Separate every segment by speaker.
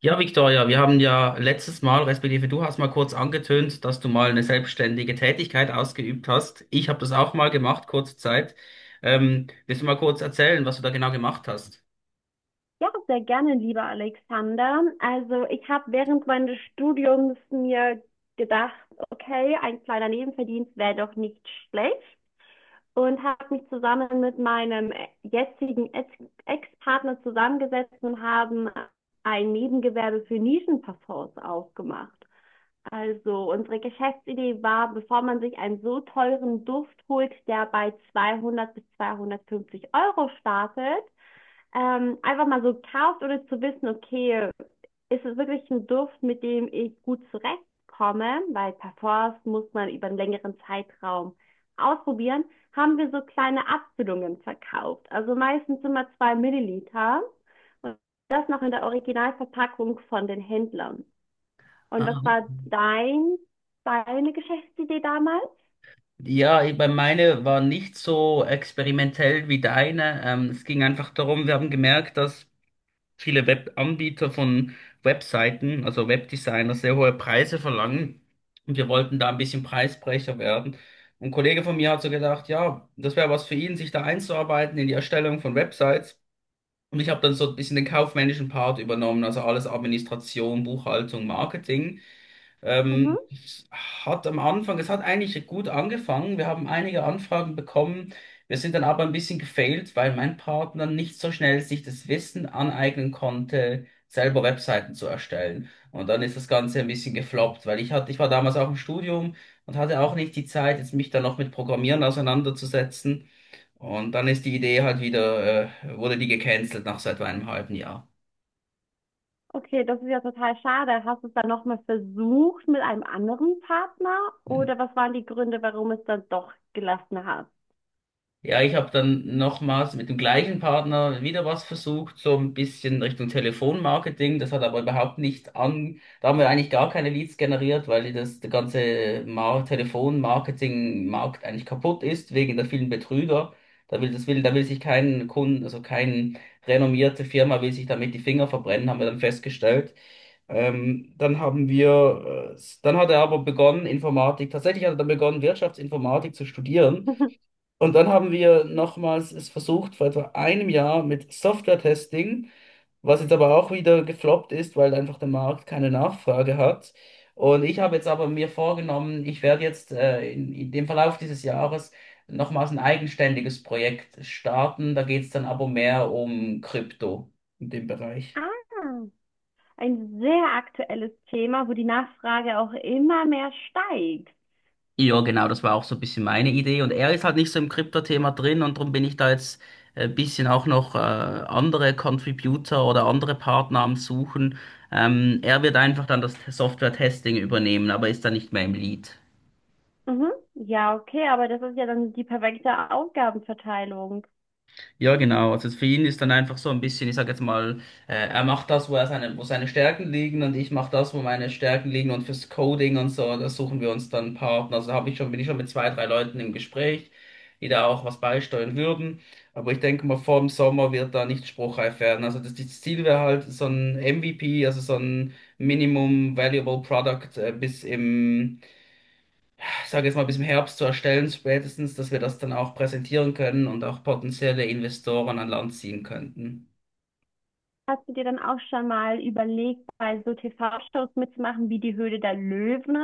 Speaker 1: Ja, Victoria, wir haben ja letztes Mal, respektive du hast mal kurz angetönt, dass du mal eine selbstständige Tätigkeit ausgeübt hast. Ich habe das auch mal gemacht, kurze Zeit. Willst du mal kurz erzählen, was du da genau gemacht hast?
Speaker 2: Ja, sehr gerne, lieber Alexander. Also ich habe während meines Studiums mir gedacht, okay, ein kleiner Nebenverdienst wäre doch nicht schlecht, und habe mich zusammen mit meinem jetzigen Ex-Partner zusammengesetzt und haben ein Nebengewerbe für Nischenparfums aufgemacht. Also unsere Geschäftsidee war, bevor man sich einen so teuren Duft holt, der bei 200 bis 250 Euro startet, einfach mal so kauft oder zu wissen, okay, ist es wirklich ein Duft, mit dem ich gut zurechtkomme, weil Parfums muss man über einen längeren Zeitraum ausprobieren, haben wir so kleine Abfüllungen verkauft. Also meistens immer 2 ml, und das noch in der Originalverpackung von den Händlern.
Speaker 1: Ah,
Speaker 2: Und was war
Speaker 1: okay.
Speaker 2: dein, deine Geschäftsidee damals?
Speaker 1: Ja, bei meine war nicht so experimentell wie deine. Es ging einfach darum, wir haben gemerkt, dass viele Webanbieter von Webseiten, also Webdesigner, sehr hohe Preise verlangen. Und wir wollten da ein bisschen Preisbrecher werden. Und ein Kollege von mir hat so gedacht, ja, das wäre was für ihn, sich da einzuarbeiten in die Erstellung von Websites. Und ich habe dann so ein bisschen den kaufmännischen Part übernommen, also alles Administration, Buchhaltung, Marketing.
Speaker 2: Mhm.
Speaker 1: Es hat am Anfang, es hat eigentlich gut angefangen. Wir haben einige Anfragen bekommen. Wir sind dann aber ein bisschen gefailt, weil mein Partner nicht so schnell sich das Wissen aneignen konnte, selber Webseiten zu erstellen. Und dann ist das Ganze ein bisschen gefloppt, weil ich hatte, ich war damals auch im Studium und hatte auch nicht die Zeit, jetzt mich dann noch mit Programmieren auseinanderzusetzen. Und dann ist die Idee halt wieder, wurde die gecancelt nach so etwa einem halben Jahr.
Speaker 2: Okay, das ist ja total schade. Hast du es dann nochmal versucht mit einem anderen Partner? Oder was waren die Gründe, warum es dann doch gelassen hast?
Speaker 1: Ja, ich habe dann nochmals mit dem gleichen Partner wieder was versucht, so ein bisschen Richtung Telefonmarketing. Das hat aber überhaupt nicht an. Da haben wir eigentlich gar keine Leads generiert, weil das, der ganze Mar Telefonmarketing-Markt eigentlich kaputt ist wegen der vielen Betrüger. Da will sich kein Kunden, also kein renommierte Firma will sich damit die Finger verbrennen, haben wir dann festgestellt. Dann haben wir, dann hat er aber begonnen, tatsächlich hat er dann begonnen, Wirtschaftsinformatik zu studieren. Und dann haben wir nochmals es versucht, vor etwa einem Jahr mit Software-Testing, was jetzt aber auch wieder gefloppt ist, weil einfach der Markt keine Nachfrage hat. Und ich habe jetzt aber mir vorgenommen, ich werde jetzt in dem Verlauf dieses Jahres nochmals ein eigenständiges Projekt starten. Da geht es dann aber mehr um Krypto in dem Bereich.
Speaker 2: Ah, ein sehr aktuelles Thema, wo die Nachfrage auch immer mehr steigt.
Speaker 1: Ja, genau, das war auch so ein bisschen meine Idee. Und er ist halt nicht so im Krypto-Thema drin und darum bin ich da jetzt ein bisschen auch noch andere Contributor oder andere Partner am Suchen. Er wird einfach dann das Software-Testing übernehmen, aber ist da nicht mehr im Lead.
Speaker 2: Mhm. Ja, okay, aber das ist ja dann die perfekte Aufgabenverteilung.
Speaker 1: Ja, genau. Also für ihn ist dann einfach so ein bisschen, ich sag jetzt mal, er macht das, wo er seine, wo seine Stärken liegen und ich mache das, wo meine Stärken liegen und fürs Coding und so, da suchen wir uns dann einen Partner. Also habe ich schon, bin ich schon mit zwei, drei Leuten im Gespräch, die da auch was beisteuern würden. Aber ich denke mal, vor dem Sommer wird da nicht spruchreif werden. Also das, das Ziel wäre halt so ein MVP, also so ein Minimum Valuable Product, bis im ich sage jetzt mal, bis im Herbst zu erstellen, spätestens, dass wir das dann auch präsentieren können und auch potenzielle Investoren an Land ziehen könnten.
Speaker 2: Hast du dir dann auch schon mal überlegt, bei so TV-Shows mitzumachen wie die Höhle der Löwen?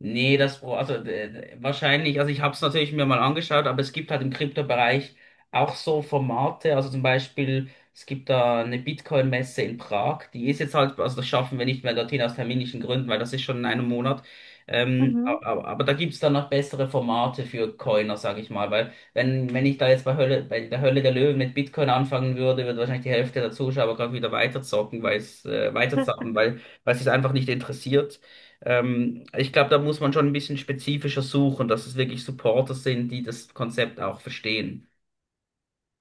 Speaker 1: Nee, das, Pro- also wahrscheinlich, also ich habe es natürlich mir mal angeschaut, aber es gibt halt im Kryptobereich auch so Formate, also zum Beispiel, es gibt da eine Bitcoin-Messe in Prag, die ist jetzt halt, also das schaffen wir nicht mehr dorthin aus terminischen Gründen, weil das ist schon in einem Monat. ähm,
Speaker 2: Mhm.
Speaker 1: aber, aber da gibt's dann noch bessere Formate für Coiner, sage ich mal, weil wenn ich da jetzt bei Hölle, bei der Hölle der Löwen mit Bitcoin anfangen würde, würde wahrscheinlich die Hälfte der Zuschauer gerade wieder weiterzocken, weiterzocken, weil es sich einfach nicht interessiert. Ich glaube, da muss man schon ein bisschen spezifischer suchen, dass es wirklich Supporter sind, die das Konzept auch verstehen.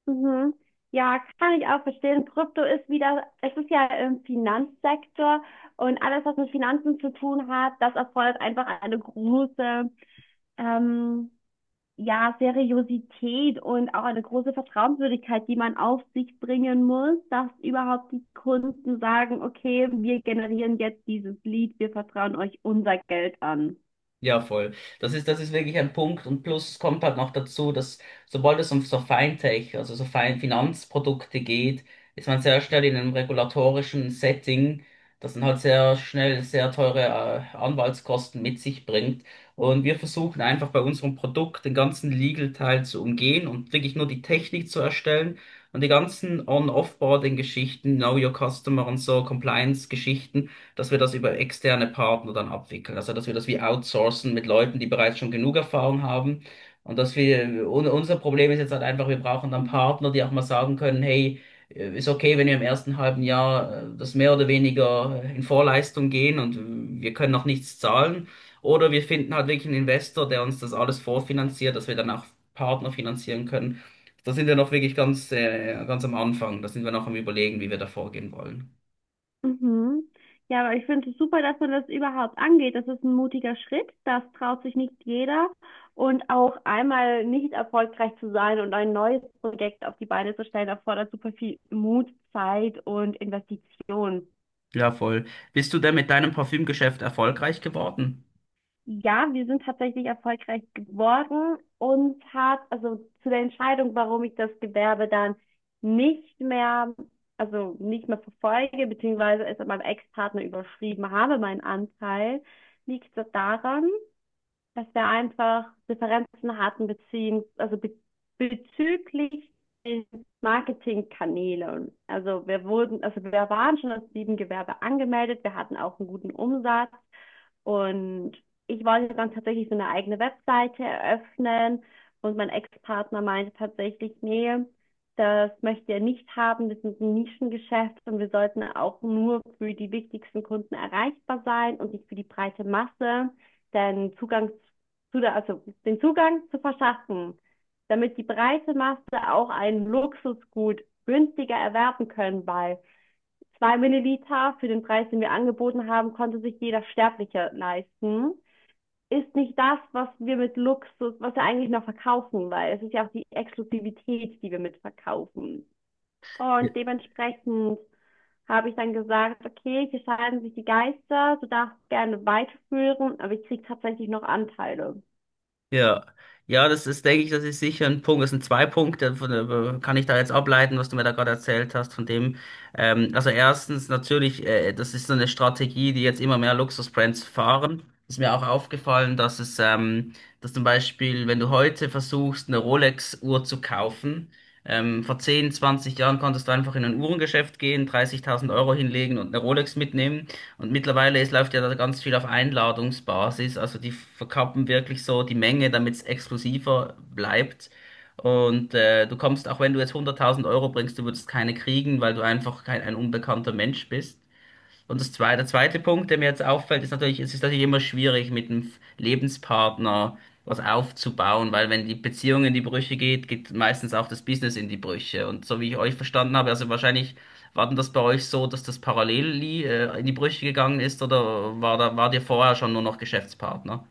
Speaker 2: Mhm. Ja, kann ich auch verstehen. Krypto ist wieder, es ist ja im Finanzsektor, und alles, was mit Finanzen zu tun hat, das erfordert einfach eine große, ähm, ja, Seriosität und auch eine große Vertrauenswürdigkeit, die man auf sich bringen muss, dass überhaupt die Kunden sagen, okay, wir generieren jetzt dieses Lead, wir vertrauen euch unser Geld an.
Speaker 1: Ja, voll. Das ist wirklich ein Punkt. Und plus kommt halt noch dazu, dass sobald es um so Fintech, also so Finanzprodukte geht, ist man sehr schnell in einem regulatorischen Setting, das dann halt sehr schnell sehr teure Anwaltskosten mit sich bringt. Und wir versuchen einfach bei unserem Produkt den ganzen Legal-Teil zu umgehen und wirklich nur die Technik zu erstellen und die ganzen On-Offboarding-Geschichten, Know Your Customer und so, Compliance-Geschichten, dass wir das über externe Partner dann abwickeln. Also, dass wir das wie outsourcen mit Leuten, die bereits schon genug Erfahrung haben. Und dass wir, unser Problem ist jetzt halt einfach, wir brauchen dann Partner, die auch mal sagen können, hey, ist okay, wenn wir im ersten halben Jahr das mehr oder weniger in Vorleistung gehen und wir können noch nichts zahlen. Oder wir finden halt wirklich einen Investor, der uns das alles vorfinanziert, dass wir dann auch Partner finanzieren können. Da sind wir noch wirklich ganz am Anfang. Da sind wir noch am Überlegen, wie wir da vorgehen wollen.
Speaker 2: Mhm. Ja, aber ich finde es super, dass man das überhaupt angeht. Das ist ein mutiger Schritt. Das traut sich nicht jeder. Und auch einmal nicht erfolgreich zu sein und ein neues Projekt auf die Beine zu stellen, erfordert super viel Mut, Zeit und Investition.
Speaker 1: Ja, voll. Bist du denn mit deinem Parfümgeschäft erfolgreich geworden?
Speaker 2: Ja, wir sind tatsächlich erfolgreich geworden. Uns hat, also zu der Entscheidung, warum ich das Gewerbe dann nicht mehr, also nicht mehr verfolge, beziehungsweise es an meinem Ex-Partner überschrieben habe, meinen Anteil, liegt das daran, dass wir einfach Differenzen hatten, beziehungs also be bezüglich den Marketingkanälen. Also wir wurden, also wir waren schon als Nebengewerbe angemeldet, wir hatten auch einen guten Umsatz. Und ich wollte dann tatsächlich so eine eigene Webseite eröffnen, und mein Ex-Partner meinte tatsächlich, nee, das möchte er nicht haben, das ist ein Nischengeschäft und wir sollten auch nur für die wichtigsten Kunden erreichbar sein und nicht für die breite Masse, denn Zugang zu der, also den Zugang zu verschaffen, damit die breite Masse auch ein Luxusgut günstiger erwerben können, weil zwei Milliliter für den Preis, den wir angeboten haben, konnte sich jeder Sterbliche leisten. Ist nicht das, was wir mit Luxus, was wir eigentlich noch verkaufen, weil es ist ja auch die Exklusivität, die wir mit verkaufen.
Speaker 1: Ja.
Speaker 2: Und dementsprechend habe ich dann gesagt, okay, hier scheiden sich die Geister, du darfst gerne weiterführen, aber ich kriege tatsächlich noch Anteile.
Speaker 1: Ja, ja, denke ich, das ist sicher ein Punkt. Das sind zwei Punkte, kann ich da jetzt ableiten, was du mir da gerade erzählt hast, von dem. Also erstens natürlich, das ist so eine Strategie, die jetzt immer mehr Luxusbrands fahren. Ist mir auch aufgefallen, dass zum Beispiel, wenn du heute versuchst, eine Rolex-Uhr zu kaufen, vor 10, 20 Jahren konntest du einfach in ein Uhrengeschäft gehen, 30.000 Euro hinlegen und eine Rolex mitnehmen. Und mittlerweile, es läuft ja da ganz viel auf Einladungsbasis. Also die verkappen wirklich so die Menge, damit es exklusiver bleibt. Und du kommst, auch wenn du jetzt 100.000 Euro bringst, du würdest keine kriegen, weil du einfach kein ein unbekannter Mensch bist. Und der zweite Punkt, der mir jetzt auffällt, ist natürlich, es ist natürlich immer schwierig, mit dem Lebenspartner was aufzubauen, weil wenn die Beziehung in die Brüche geht, geht meistens auch das Business in die Brüche. Und so wie ich euch verstanden habe, also wahrscheinlich war denn das bei euch so, dass das in die Brüche gegangen ist, oder war da, war dir vorher schon nur noch Geschäftspartner?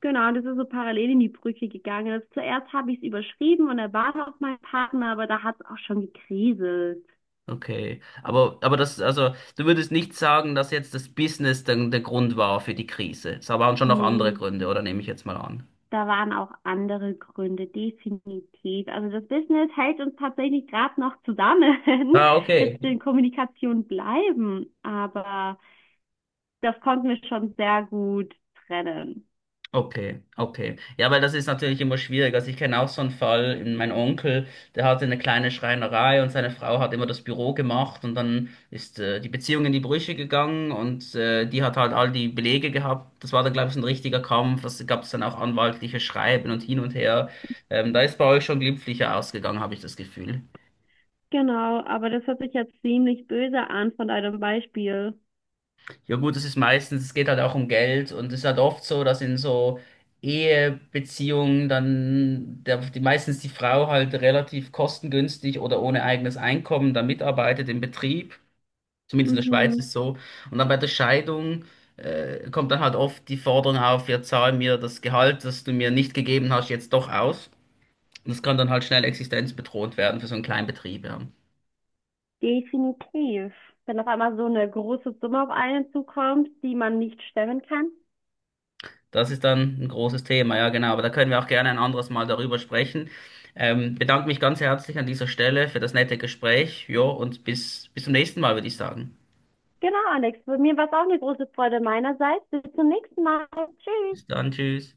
Speaker 2: Genau, und das ist so parallel in die Brücke gegangen. Zuerst habe ich es überschrieben und er war auch mein Partner, aber da hat es auch schon gekriselt.
Speaker 1: Okay. Aber das, also, du würdest nicht sagen, dass jetzt das Business dann der Grund war für die Krise. Es waren schon noch andere
Speaker 2: Nee,
Speaker 1: Gründe, oder nehme ich jetzt mal an?
Speaker 2: da waren auch andere Gründe, definitiv. Also das Business hält uns tatsächlich gerade noch zusammen,
Speaker 1: Ah,
Speaker 2: dass wir
Speaker 1: okay.
Speaker 2: in Kommunikation bleiben, aber das konnten wir schon sehr gut trennen.
Speaker 1: Okay, okay. Ja, weil das ist natürlich immer schwierig. Also ich kenne auch so einen Fall, mein Onkel, der hatte eine kleine Schreinerei und seine Frau hat immer das Büro gemacht und dann ist die Beziehung in die Brüche gegangen und die hat halt all die Belege gehabt. Das war dann, glaube ich, so ein richtiger Kampf. Das gab es dann auch anwaltliche Schreiben und hin und her. Da ist bei euch schon glimpflicher ausgegangen, habe ich das Gefühl.
Speaker 2: Genau, aber das hört sich jetzt ziemlich böse an von deinem Beispiel.
Speaker 1: Ja gut, das ist meistens, es geht halt auch um Geld und es ist halt oft so, dass in so Ehebeziehungen dann meistens die Frau halt relativ kostengünstig oder ohne eigenes Einkommen dann mitarbeitet im Betrieb, zumindest in der Schweiz
Speaker 2: Mhm,
Speaker 1: ist so. Und dann bei der Scheidung kommt dann halt oft die Forderung auf, ja zahl mir das Gehalt, das du mir nicht gegeben hast, jetzt doch aus. Und das kann dann halt schnell existenzbedrohend werden für so einen kleinen Betrieb, ja.
Speaker 2: definitiv. Wenn auf einmal so eine große Summe auf einen zukommt, die man nicht stemmen kann.
Speaker 1: Das ist dann ein großes Thema, ja genau. Aber da können wir auch gerne ein anderes Mal darüber sprechen. Bedanke mich ganz herzlich an dieser Stelle für das nette Gespräch. Jo, und bis zum nächsten Mal, würde ich sagen.
Speaker 2: Genau, Alex, für mir war es auch eine große Freude meinerseits. Bis zum nächsten Mal. Tschüss.
Speaker 1: Bis dann, tschüss.